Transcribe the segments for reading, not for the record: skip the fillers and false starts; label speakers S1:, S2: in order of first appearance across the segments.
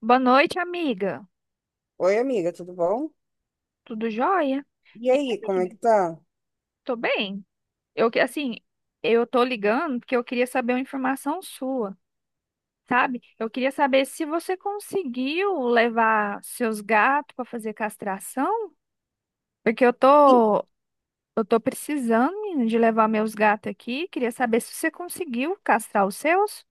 S1: Boa noite, amiga.
S2: Oi, amiga, tudo bom?
S1: Tudo jóia?
S2: E
S1: Hein,
S2: aí, como é
S1: amiga?
S2: que tá?
S1: Tô bem. Eu que assim, eu tô ligando porque eu queria saber uma informação sua, sabe? Eu queria saber se você conseguiu levar seus gatos para fazer castração, porque eu
S2: E-
S1: tô eu tô precisando, menina, de levar meus gatos aqui. Queria saber se você conseguiu castrar os seus.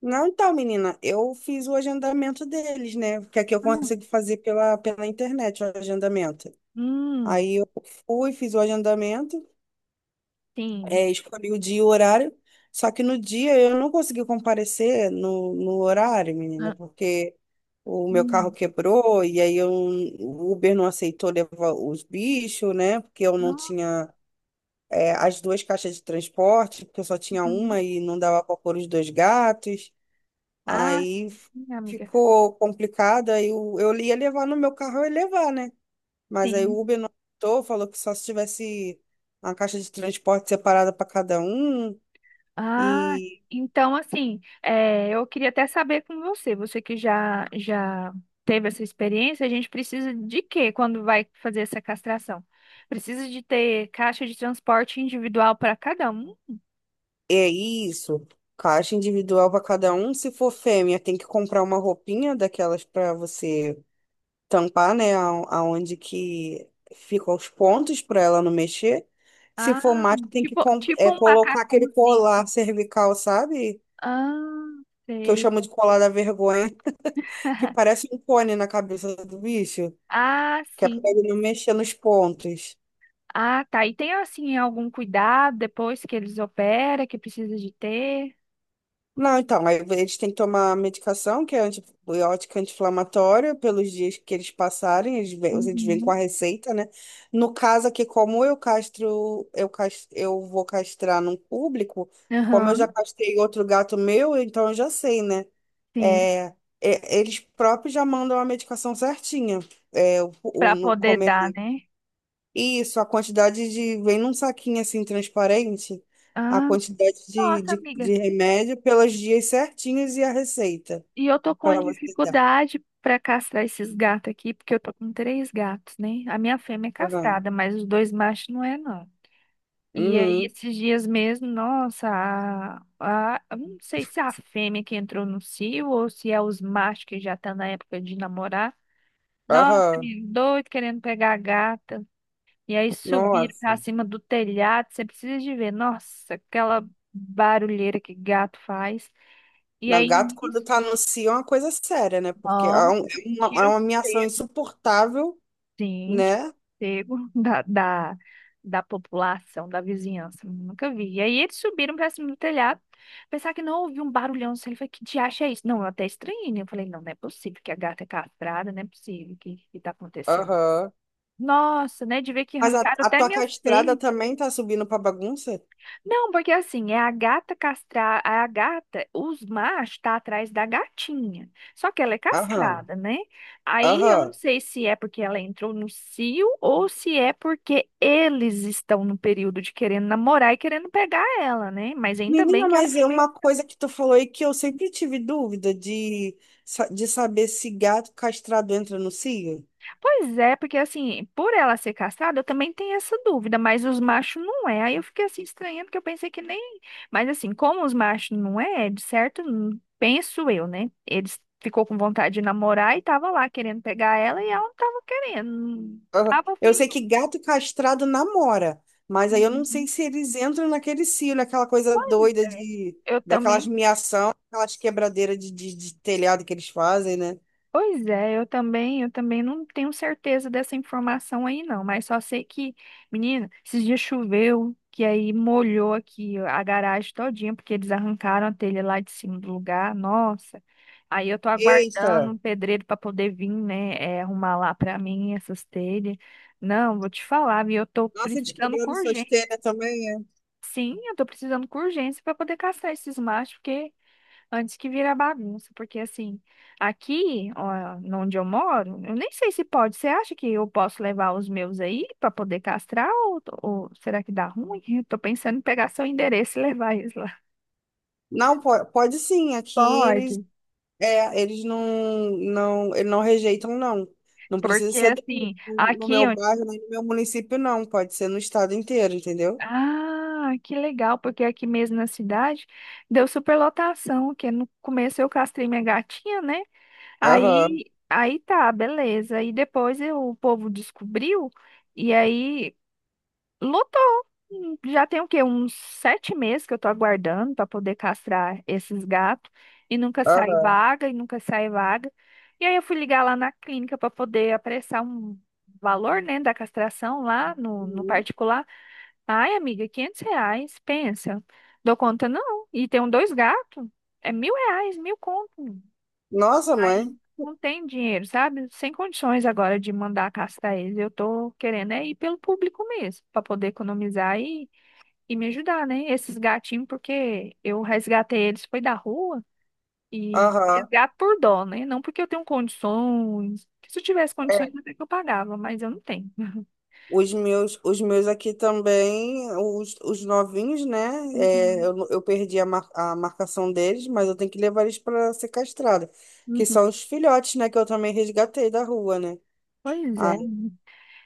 S2: Não, então, menina, eu fiz o agendamento deles, né? Que aqui eu
S1: Ah.
S2: consigo fazer pela internet o agendamento.
S1: Hum.
S2: Aí eu fui, fiz o agendamento,
S1: Sim.
S2: escolhi o dia e o horário, só que no dia eu não consegui comparecer no horário, menina,
S1: Ah.
S2: porque o meu carro
S1: Hum.
S2: quebrou e aí eu, o Uber não aceitou levar os bichos, né? Porque eu não
S1: Nossa.
S2: tinha. É, as duas caixas de transporte, porque eu só tinha
S1: Uhum.
S2: uma e não dava para pôr os dois gatos.
S1: Ah,
S2: Aí f-
S1: sim, amiga.
S2: Ficou complicado. Aí eu ia levar no meu carro, eu ia levar, né? Mas aí o
S1: Sim.
S2: Uber não aceitou, falou que só se tivesse uma caixa de transporte separada para cada um.
S1: Ah,
S2: E
S1: então assim, eu queria até saber com você, você que já teve essa experiência, a gente precisa de quê quando vai fazer essa castração? Precisa de ter caixa de transporte individual para cada um?
S2: é isso. Caixa individual para cada um. Se for fêmea, tem que comprar uma roupinha daquelas para você tampar, né, aonde que ficam os pontos para ela não mexer. Se
S1: Ah,
S2: for macho, tem que
S1: tipo, tipo um
S2: colocar aquele
S1: macacãozinho.
S2: colar cervical, sabe?
S1: Ah,
S2: Que eu
S1: sei.
S2: chamo de colar da vergonha, que parece um cone na cabeça do bicho,
S1: Ah,
S2: que é para
S1: sim.
S2: ele não mexer nos pontos.
S1: Ah, tá. E tem assim algum cuidado depois que eles operam que precisa de ter?
S2: Não, então, aí eles têm que tomar medicação, que é antibiótica anti-inflamatória, pelos dias que eles passarem, eles vêm com
S1: Uhum.
S2: a receita, né? No caso aqui, como eu vou castrar num público, como eu já
S1: Aham,
S2: castrei outro gato meu, então eu já sei, né?
S1: sim.
S2: É, eles próprios já mandam a medicação certinha. É,
S1: Para
S2: no
S1: poder
S2: começo
S1: dar, né?
S2: isso, a quantidade de. Vem num saquinho assim transparente, a
S1: Ah.
S2: quantidade
S1: Nossa, amiga.
S2: de remédio pelos dias certinhos e a receita
S1: E eu tô com uma
S2: para você dar.
S1: dificuldade pra castrar esses gatos aqui, porque eu tô com três gatos, né? A minha fêmea é
S2: Aham.
S1: castrada, mas os dois machos não é, não. E aí,
S2: Uhum.
S1: esses dias mesmo, nossa, eu não sei se é a fêmea que entrou no cio ou se é os machos que já tá na época de namorar. Nossa,
S2: Aham.
S1: menino, doido querendo pegar a gata. E aí subir
S2: Nossa.
S1: pra cima do telhado, você precisa de ver. Nossa, aquela barulheira que gato faz. E
S2: Na
S1: aí,
S2: gato, quando
S1: nisso.
S2: tá no cio, é uma coisa séria, né? Porque é
S1: Tira o
S2: uma ameação
S1: sossego.
S2: insuportável,
S1: Sim, de
S2: né?
S1: pego da população, da vizinhança. Nunca vi. E aí eles subiram pra cima do telhado. Pensar que não ouvi um barulhão assim. Ele falou: que diacho é isso? Não, eu até estranhei, né? Eu falei, não, não é possível que a gata é castrada, não é possível que tá acontecendo.
S2: Aham.
S1: Nossa, né? De ver que
S2: Mas
S1: arrancaram
S2: a
S1: até
S2: tua
S1: minhas
S2: castrada
S1: telhas.
S2: também tá subindo pra bagunça?
S1: Não, porque assim, é a gata castrada, a gata, os machos tá atrás da gatinha. Só que ela é
S2: Aham.
S1: castrada, né? Aí eu não
S2: Aham.
S1: sei se é porque ela entrou no cio ou se é porque eles estão no período de querendo namorar e querendo pegar ela, né? Mas ainda bem
S2: Menina,
S1: que a
S2: mas é
S1: fêmea.
S2: uma coisa que tu falou aí que eu sempre tive dúvida de saber se gato castrado entra no cio.
S1: Pois é, porque assim, por ela ser castrada, eu também tenho essa dúvida, mas os machos não é. Aí eu fiquei assim estranhando, porque eu pensei que nem. Mas assim, como os machos não é, de certo, penso eu, né? Eles ficou com vontade de namorar e tava lá querendo pegar ela e ela não tava querendo. Não
S2: Aham.
S1: tava
S2: Eu
S1: afim,
S2: sei
S1: não.
S2: que gato castrado namora, mas aí eu não sei
S1: Uhum.
S2: se eles entram naquele cio, naquela coisa
S1: Pois
S2: doida
S1: é,
S2: de,
S1: eu
S2: daquelas
S1: também.
S2: miação, aquelas quebradeiras de telhado que eles fazem, né?
S1: Pois é, eu também não tenho certeza dessa informação aí não, mas só sei que, menina, esses dias choveu, que aí molhou aqui a garagem todinha, porque eles arrancaram a telha lá de cima do lugar. Nossa. Aí eu tô
S2: Eita!
S1: aguardando um pedreiro para poder vir, né, arrumar lá para mim essas telhas. Não, vou te falar, viu? Eu tô
S2: Nossa, eles
S1: precisando com
S2: quebraram suas
S1: urgência.
S2: telhas também, é?
S1: Sim, eu tô precisando com urgência para poder caçar esses machos, porque antes que vira bagunça, porque assim, aqui, ó, onde eu moro, eu nem sei se pode. Você acha que eu posso levar os meus aí para poder castrar, ou será que dá ruim? Eu tô pensando em pegar seu endereço e levar eles lá.
S2: Não, pode, sim. Aqui eles,
S1: Pode.
S2: é, eles eles não rejeitam, não. Não precisa
S1: Porque
S2: ser
S1: assim,
S2: no meu
S1: aqui onde.
S2: bairro, nem no meu município, não. Pode ser no estado inteiro, entendeu?
S1: Ah, que legal, porque aqui mesmo na cidade deu superlotação, que no começo eu castrei minha gatinha, né?
S2: Aham,
S1: Aí tá, beleza. E depois o povo descobriu, e aí lutou. Hum. Já tem o quê? Uns 7 meses que eu tô aguardando para poder castrar esses gatos. E nunca sai
S2: aham.
S1: vaga, e nunca sai vaga. E aí eu fui ligar lá na clínica para poder apressar um valor, né, da castração lá no
S2: Uhum.
S1: particular. Ai, amiga, R$ 500, pensa. Dou conta não. E tem um dois gatos, é R$ 1.000, mil conto.
S2: Nossa, mãe.
S1: Aí não tem dinheiro, sabe? Sem condições agora de mandar castrar eles. Eu tô querendo é ir pelo público mesmo, para poder economizar e me ajudar, né? Esses gatinhos, porque eu resgatei eles, foi da rua, e
S2: Aham.
S1: resgato por dó, né? Não porque eu tenho condições. Se eu tivesse condições,
S2: É.
S1: até que eu pagava, mas eu não tenho.
S2: Os meus aqui também, os novinhos, né? É,
S1: Uhum.
S2: eu perdi a marcação deles, mas eu tenho que levar eles para ser castrada. Que
S1: Uhum.
S2: são os filhotes, né? Que eu também resgatei da rua, né?
S1: Pois
S2: Ai,
S1: é.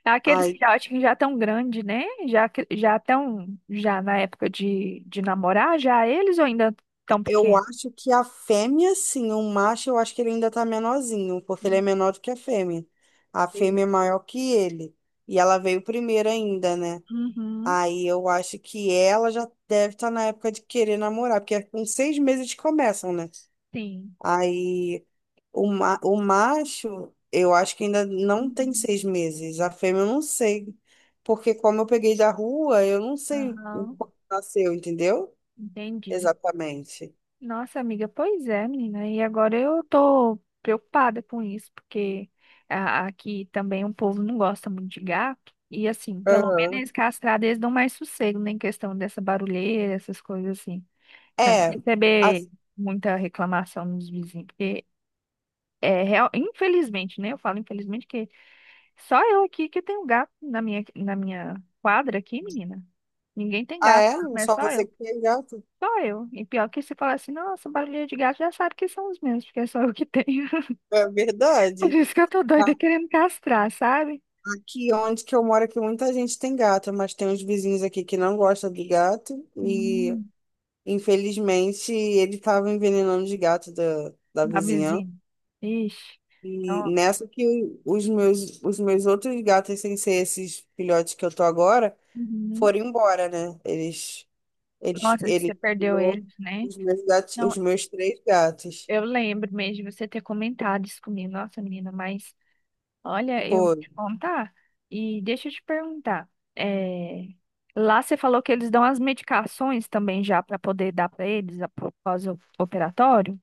S1: Aqueles
S2: ai,
S1: filhotes que já tão grande, né? Já já tão já na época de namorar, já eles ou ainda tão
S2: eu
S1: pequenos?
S2: acho que a fêmea, sim, o macho, eu acho que ele ainda tá menorzinho, porque ele é
S1: Hum.
S2: menor do que a fêmea. A
S1: Sim.
S2: fêmea é maior que ele. E ela veio primeiro ainda, né?
S1: Uhum.
S2: Aí eu acho que ela já deve estar na época de querer namorar, porque é com 6 meses eles começam, né?
S1: Sim.
S2: Aí o macho, eu acho que ainda não tem
S1: Uhum.
S2: 6 meses. A fêmea eu não sei. Porque como eu peguei da rua, eu não sei o
S1: Aham.
S2: quando nasceu, entendeu?
S1: Entendi.
S2: Exatamente.
S1: Nossa, amiga, pois é, menina. E agora eu tô preocupada com isso, porque aqui também o povo não gosta muito de gato. E assim, pelo menos
S2: Aham.
S1: eles castrados, eles dão mais sossego, né, em questão dessa barulheira, essas coisas assim. Pra não
S2: É.
S1: receber
S2: As-
S1: muita reclamação dos vizinhos, porque é real, infelizmente, né? Eu falo infelizmente que só eu aqui que tenho gato na minha, quadra aqui, menina. Ninguém tem
S2: Ah,
S1: gato,
S2: é?
S1: não é
S2: Só
S1: só
S2: você
S1: eu.
S2: que tem gato?
S1: Só eu. E pior que se falar assim, nossa, barulhinho de gato já sabe que são os meus, porque é só eu que tenho.
S2: É
S1: Por
S2: verdade.
S1: isso que eu tô
S2: A-
S1: doida querendo castrar, sabe?
S2: Aqui onde que eu moro, aqui muita gente tem gato, mas tem uns vizinhos aqui que não gostam de gato e,
S1: Hum,
S2: infelizmente, ele estava envenenando os gatos da
S1: a
S2: vizinhança.
S1: vizinha. Ixi.
S2: E
S1: Não.
S2: nessa que os meus outros gatos, sem ser esses filhotes que eu tô agora,
S1: Uhum.
S2: foram embora, né? Eles,
S1: Nossa, que você
S2: ele
S1: perdeu
S2: tirou
S1: ele, né?
S2: os meus gatos, os
S1: Não,
S2: meus três gatos.
S1: eu lembro mesmo de você ter comentado isso comigo. Nossa, menina, mas olha, eu vou
S2: Foram.
S1: te contar. E deixa eu te perguntar. É... Lá você falou que eles dão as medicações também já para poder dar para eles após o operatório?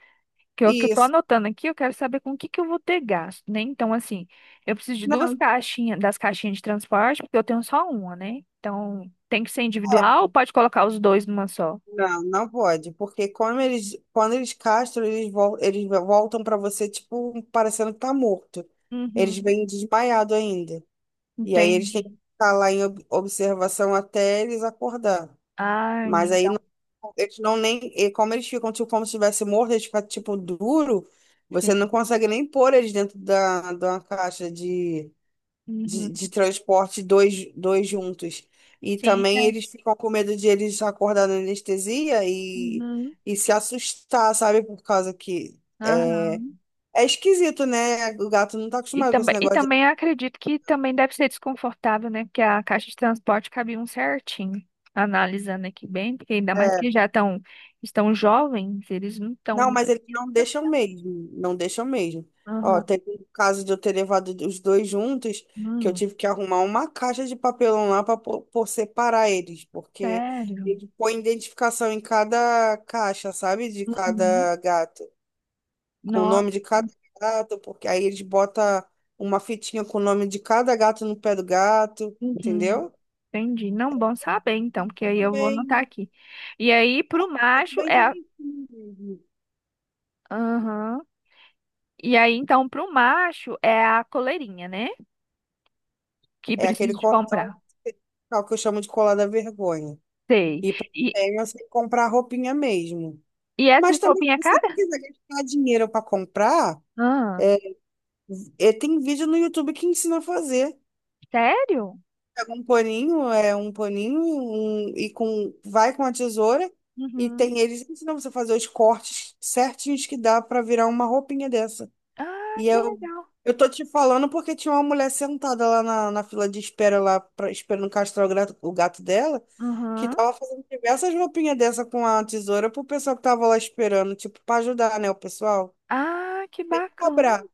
S1: Que eu tô
S2: Isso.
S1: anotando aqui, eu quero saber com o que que eu vou ter gasto, né? Então, assim, eu preciso de duas
S2: Não.
S1: caixinhas, das caixinhas de transporte, porque eu tenho só uma, né? Então, tem que ser
S2: É.
S1: individual ou pode colocar os dois numa só?
S2: Não, não pode, porque quando eles castram, eles voltam para você, tipo, parecendo que tá morto. Eles
S1: Uhum,
S2: vêm desmaiado ainda. E aí eles têm que
S1: entendi.
S2: ficar lá em observação até eles acordar.
S1: Ah,
S2: Mas aí não-
S1: então,
S2: eles não nem. E como eles ficam, tipo, como se estivesse morto, eles ficam, tipo, duro, você
S1: sim.
S2: não consegue nem pôr eles dentro de uma caixa
S1: Uhum.
S2: de transporte, dois juntos. E
S1: Sim,
S2: também
S1: é.
S2: eles ficam com medo de eles acordar na anestesia
S1: Uhum.
S2: e se assustar, sabe? Por causa que
S1: Aham.
S2: é, é esquisito, né? O gato não tá
S1: E
S2: acostumado com esse
S1: também, e
S2: negócio de.
S1: também acredito que também deve ser desconfortável, né? Porque a caixa de transporte cabe um certinho. Analisando aqui bem, porque ainda mais que
S2: É,
S1: eles já estão jovens, eles não estão.
S2: não, mas eles não deixam mesmo. Não deixam mesmo. Ó, teve um caso de eu ter levado os dois juntos, que eu
S1: Hum,
S2: tive que arrumar uma caixa de papelão lá para por separar eles, porque
S1: sério?
S2: ele põe identificação em cada caixa, sabe? De
S1: Uhum.
S2: cada gato. Com o
S1: Nossa,
S2: nome de cada gato, porque aí eles botam uma fitinha com o nome de cada gato no pé do gato,
S1: uhum.
S2: entendeu?
S1: Entendi. Não, bom saber então,
S2: E
S1: porque aí
S2: tudo
S1: eu vou anotar
S2: bem,
S1: aqui. E aí, pro
S2: tudo
S1: macho
S2: bem
S1: é a.
S2: direitinho mesmo.
S1: Aham. E aí, então, pro macho é a coleirinha, né? Que
S2: É aquele
S1: preciso de
S2: cordão
S1: comprar.
S2: especial que eu chamo de colar da vergonha.
S1: Sei.
S2: E para
S1: E,
S2: você comprar roupinha mesmo.
S1: e
S2: Mas
S1: essas
S2: também, se
S1: roupinhas
S2: você não
S1: caras?
S2: quiser gastar dinheiro para comprar,
S1: Ah,
S2: tem vídeo no YouTube que ensina a fazer.
S1: sério?
S2: Pega um paninho, com, vai com a tesoura e
S1: Uhum.
S2: tem, eles ensinam você a fazer os cortes certinhos que dá pra virar uma roupinha dessa.
S1: Ah,
S2: E
S1: que legal.
S2: eu tô te falando porque tinha uma mulher sentada lá na fila de espera, esperando castrar o gato dela, que
S1: Uhum.
S2: tava fazendo diversas roupinhas dessa com a tesoura pro pessoal que tava lá esperando, tipo, pra ajudar, né, o pessoal.
S1: Ah, que bacana.
S2: Cobrar.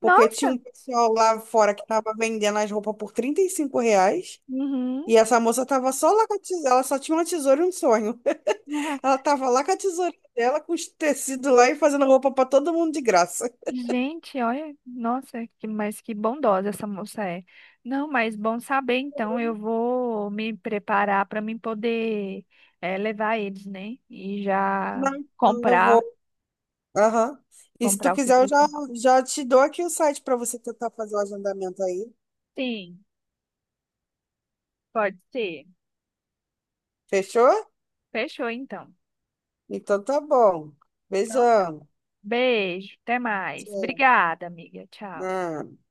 S2: Porque
S1: Nossa.
S2: tinha um pessoal lá fora que tava vendendo as roupas por R$ 35
S1: Uhum.
S2: e essa moça tava só lá com a tesoura, ela só tinha uma tesoura e um sonho. Ela tava lá com a tesoura dela, com os tecidos lá e fazendo roupa pra todo mundo de graça.
S1: Gente, olha, nossa, que, mas que bondosa essa moça é. Não, mas bom saber, então eu vou me preparar para mim poder levar eles, né? E já
S2: Não, então eu vou.
S1: comprar,
S2: Aham. E se tu
S1: comprar o que
S2: quiser,
S1: precisa.
S2: já te dou aqui o site pra você tentar fazer o agendamento aí.
S1: Sim, pode ser.
S2: Fechou?
S1: Fechou, então.
S2: Então tá bom.
S1: Então,
S2: Beijão.
S1: beijo, até mais.
S2: Tchau.
S1: Obrigada, amiga. Tchau.
S2: Ah.